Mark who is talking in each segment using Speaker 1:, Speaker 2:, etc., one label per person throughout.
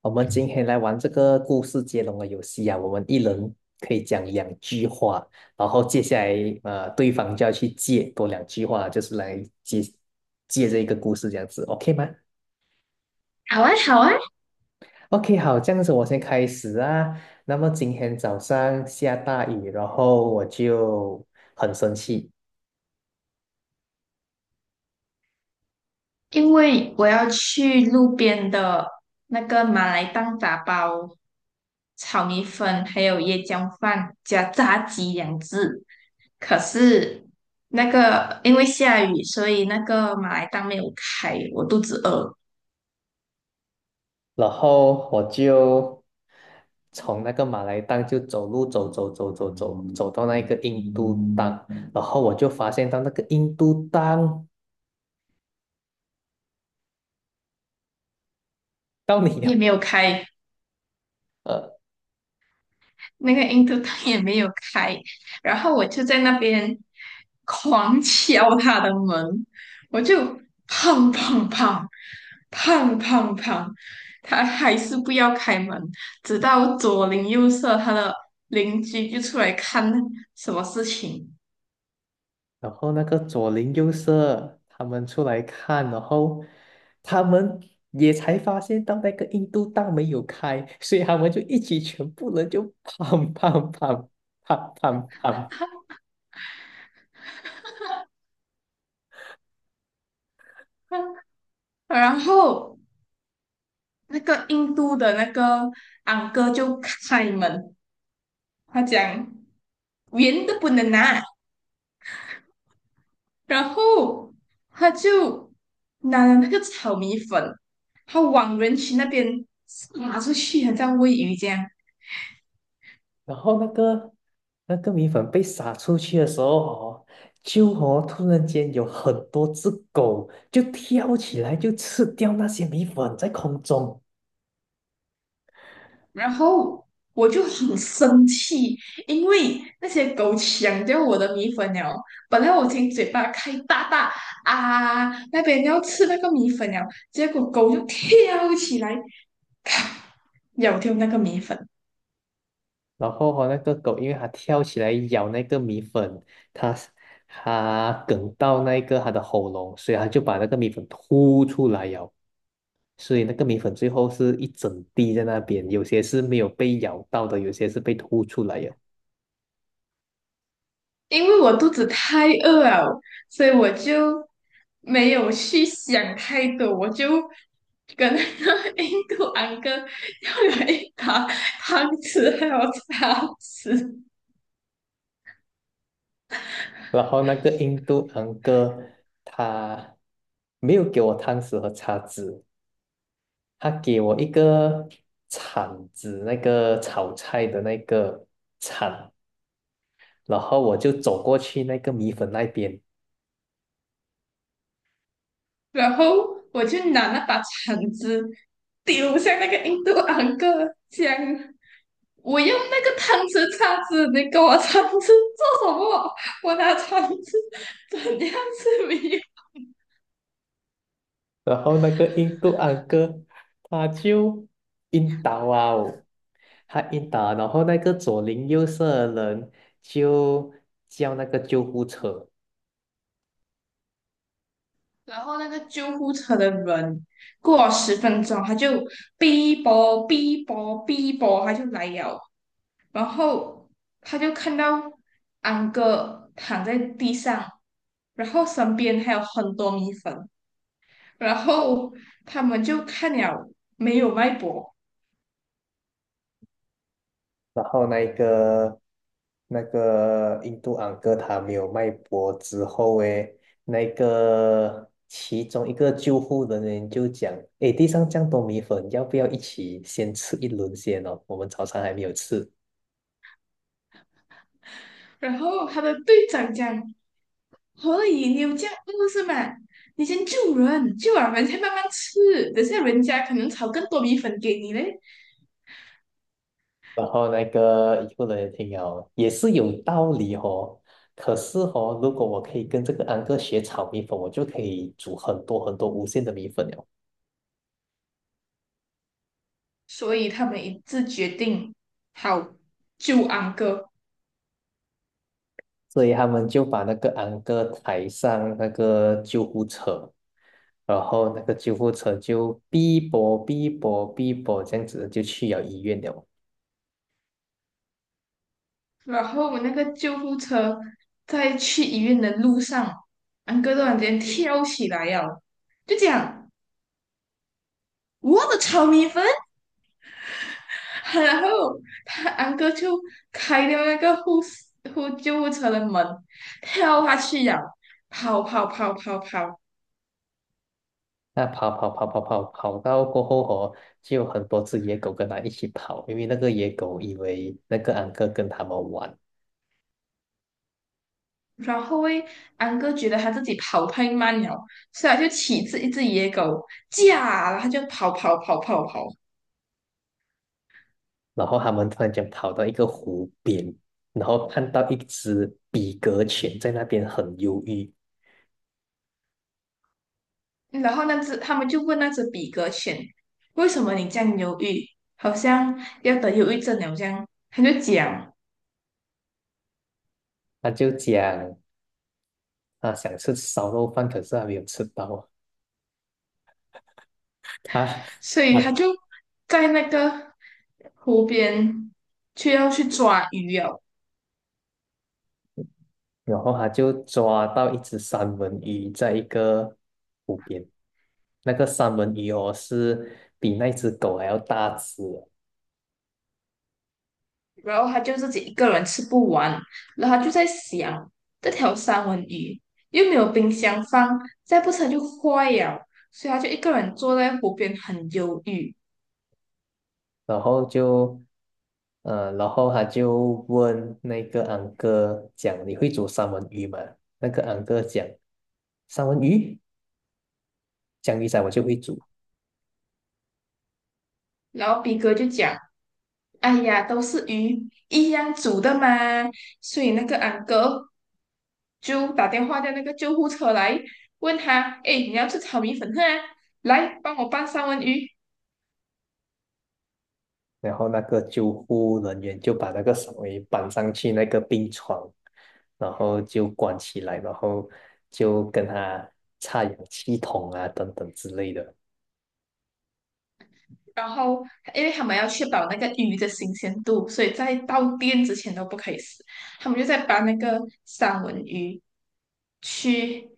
Speaker 1: 我们今天来玩这个故事接龙的游戏啊，我们一人可以讲两句话，然后接下来对方就要去接多两句话，就是来接接这一个故事这样子，OK 吗
Speaker 2: 好啊，好啊，
Speaker 1: ？OK，好，这样子我先开始啊。那么今天早上下大雨，然后我就很生气，
Speaker 2: 因为我要去路边的那个马来档打包炒米粉，还有椰浆饭加炸鸡两只。可是因为下雨，所以那个马来档没有开，我肚子饿，
Speaker 1: 然后我就从那个马来档就走路走走走走走走到那个印度档，然后我就发现到那个印度档到你
Speaker 2: 也
Speaker 1: 了，
Speaker 2: 没有开。
Speaker 1: 呃，
Speaker 2: 那个印度他也没有开，然后我就在那边狂敲他的门，我就砰砰砰砰砰砰，他还是不要开门，直到左邻右舍他的邻居就出来看什么事情。
Speaker 1: 然后那个左邻右舍他们出来看，然后他们也才发现到那个印度档没有开，所以他们就一起全部人就砰砰砰砰砰砰。
Speaker 2: 嗯，然后那个印度的那个昂哥就开门，他讲圆的不能拿，然后他就拿了那个炒米粉，他往人群那边撒出去，很像喂鱼这样。
Speaker 1: 然后那个米粉被撒出去的时候哦，就哦突然间有很多只狗就跳起来就吃掉那些米粉在空中，
Speaker 2: 然后我就很生气，因为那些狗抢掉我的米粉了。本来我已经嘴巴开大大啊，那边要吃那个米粉了，结果狗就跳起来咬掉那个米粉。
Speaker 1: 然后哦那个狗因为它跳起来咬那个米粉，它它哽到那个它的喉咙，所以它就把那个米粉吐出来咬，所以那个米粉最后是一整滴在那边，有些是没有被咬到的，有些是被吐出来的。
Speaker 2: 因为我肚子太饿了，所以我就没有去想太多，我就跟那个 印度安哥要了一把汤匙还有叉匙，
Speaker 1: 然后那个印度昂哥他没有给我汤匙和叉子，他给我一个铲子，那个炒菜的那个铲，然后我就走过去那个米粉那边，
Speaker 2: 然后我就拿那把铲子丢向那个印度安哥，讲我用那个汤匙叉子，你给我铲子做什么？我拿铲子 怎样是没
Speaker 1: 然后那个印度昂哥他就晕倒啊哦他晕倒，然后那个左邻右舍的人就叫那个救护车。
Speaker 2: 然后那个救护车的人过了10分钟，他就哔啵哔啵哔啵，他就来了。然后他就看到安哥躺在地上，然后身边还有很多米粉。然后他们就看了没有脉搏，
Speaker 1: 然后那一个那个印度安哥他没有脉搏之后，诶，那个其中一个救护人员就讲，诶，地上这样多米粉，要不要一起先吃一轮先哦？我们早餐还没有吃。
Speaker 2: 然后他的队长讲：“可以，你有这样饿是吗？你先救人，救完人再慢慢吃。等下人家可能炒更多米粉给你嘞。”
Speaker 1: 然后那个医护人员听了也是有道理哦，可是哦，如果我可以跟这个安哥学炒米粉，我就可以煮很多很多无限的米粉了。
Speaker 2: 所以他们一致决定好救安哥。
Speaker 1: 所以他们就把那个安哥抬上那个救护车，然后那个救护车就哔啵哔啵哔啵这样子就去了医院了。
Speaker 2: 然后我那个救护车在去医院的路上，安哥突然间跳起来呀，就讲我的炒米粉。然后他安哥就开掉那个护士护救护车的门，跳下去呀，跑跑跑跑跑。
Speaker 1: 那跑跑跑跑跑跑到过后哦，就有很多只野狗跟他一起跑，因为那个野狗以为那个安哥跟他们玩，
Speaker 2: 然后诶，安哥觉得他自己跑太慢了，所以他就骑着一只野狗，驾，然后他就跑跑跑跑跑。
Speaker 1: 然后他们突然间跑到一个湖边，然后看到一只比格犬在那边很忧郁，
Speaker 2: 然后那只他们就问那只比格犬，为什么你这样犹豫，好像要得忧郁症了这样，他就讲，
Speaker 1: 他就讲啊想吃烧肉饭，可是还没有吃到。啊
Speaker 2: 所以他
Speaker 1: 啊，
Speaker 2: 就在那个湖边却要去抓鱼哦，
Speaker 1: 然后他就抓到一只三文鱼在一个湖边，那个三文鱼哦是比那只狗还要大只的
Speaker 2: 然后他就自己一个人吃不完，然后他就在想，这条三文鱼又没有冰箱放，再不成就坏了，所以他就一个人坐在湖边很忧郁，
Speaker 1: 然后就，呃，然后他就问那个安哥讲你会煮三文鱼吗？那个安哥讲三文鱼，江鱼仔我就会煮。
Speaker 2: 然后比格就讲。哎呀，都是鱼一样煮的嘛，所以那个俺哥就打电话叫那个救护车来，问他，哎，你要吃炒米粉啊？来，帮我拌三文鱼。
Speaker 1: 然后那个救护人员就把那个手给绑上去那个病床，然后就关起来，然后就跟他插氧气筒啊等等之类的，
Speaker 2: 然后，因为他们要确保那个鱼的新鲜度，所以在到店之前都不可以死。他们就在把那个三文鱼去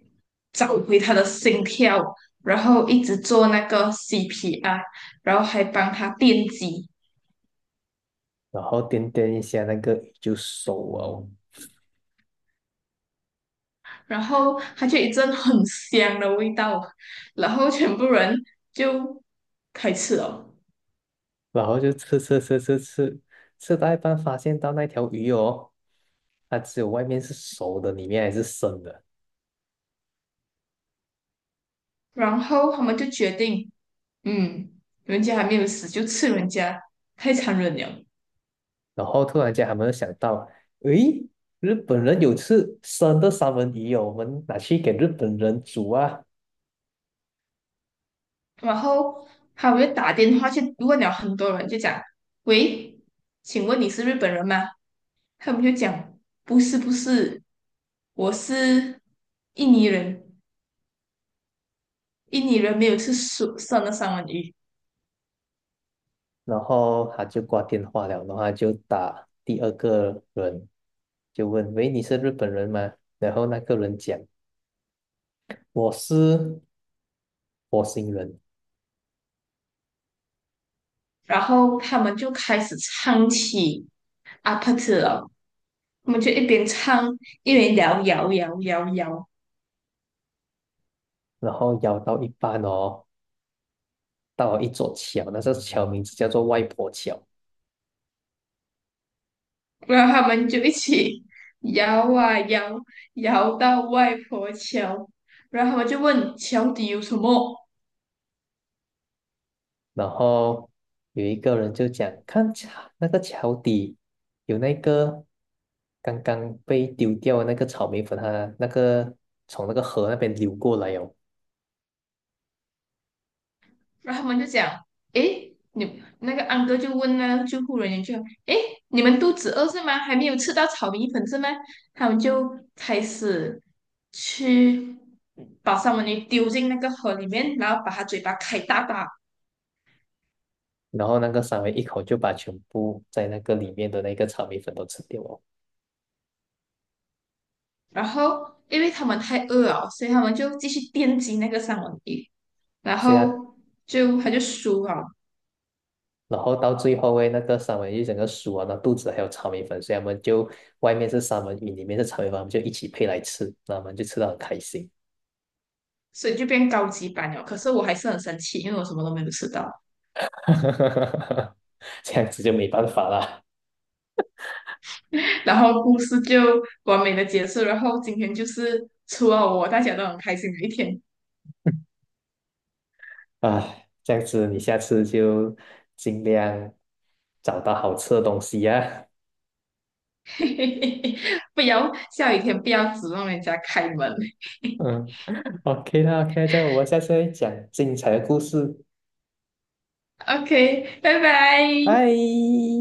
Speaker 2: 找回他的心跳，然后一直做那个 CPR，然后还帮他电击。
Speaker 1: 然后掂掂一下那个鱼就熟哦，
Speaker 2: 然后它就一阵很香的味道，然后全部人就开吃了，
Speaker 1: 然后就吃吃吃吃吃，吃到一半发现到那条鱼哦，它只有外面是熟的，里面还是生的，
Speaker 2: 然后他们就决定，嗯，人家还没有死就吃人家，太残忍了。
Speaker 1: 然后突然间他们就想到，诶。日本人有吃生的三文鱼哦，我们拿去给日本人煮啊。
Speaker 2: 然后他们就打电话去问了很多人，就讲，喂，请问你是日本人吗？他们就讲，不是不是，我是印尼人，印尼人没有吃熟生的三文鱼。
Speaker 1: 然后他就挂电话了，然后他就打第二个人，就问：“喂，你是日本人吗？”然后那个人讲：“我是火星人。”
Speaker 2: 然后他们就开始唱起阿帕特了，他们就一边唱一边摇摇摇摇摇，
Speaker 1: 然后摇到一半哦，到了一座桥，那座桥名字叫做外婆桥。
Speaker 2: 然后他们就一起摇啊摇，摇到外婆桥，然后他们就问桥底有什么，
Speaker 1: 然后有一个人就讲：“看桥，那个桥底有那个刚刚被丢掉的那个草莓粉，它那个从那个河那边流过来哦。”
Speaker 2: 然后他们就讲，诶，你那个安哥就问那个救护人员就，诶，你们肚子饿是吗？还没有吃到炒米粉是吗？他们就开始去把三文鱼丢进那个河里面，然后把它嘴巴开大大，
Speaker 1: 然后那个三文一口就把全部在那个里面的那个炒米粉都吃掉哦，
Speaker 2: 然后因为他们太饿了，所以他们就继续电击那个三文鱼，然
Speaker 1: 所以啊，
Speaker 2: 后他就输了，
Speaker 1: 然后到最后诶，那个三文鱼整个熟啊，那肚子还有炒米粉，所以他们就外面是三文鱼，里面是炒米粉，他们就一起配来吃，那我们就吃到很开心，
Speaker 2: 所以就变高级版了。可是我还是很生气，因为我什么都没有吃到。
Speaker 1: 这样子就没办法啦，
Speaker 2: 然后故事就完美的结束，然后今天就是除了我，大家都很开心的一天。
Speaker 1: 唉，这样子你下次就尽量找到好吃的东西呀、
Speaker 2: 嘿嘿嘿，不要下雨天不要指望人家开门。
Speaker 1: 嗯，OK 啦，OK，这样我们下次再讲精彩的故事，
Speaker 2: OK，拜拜。
Speaker 1: 拜。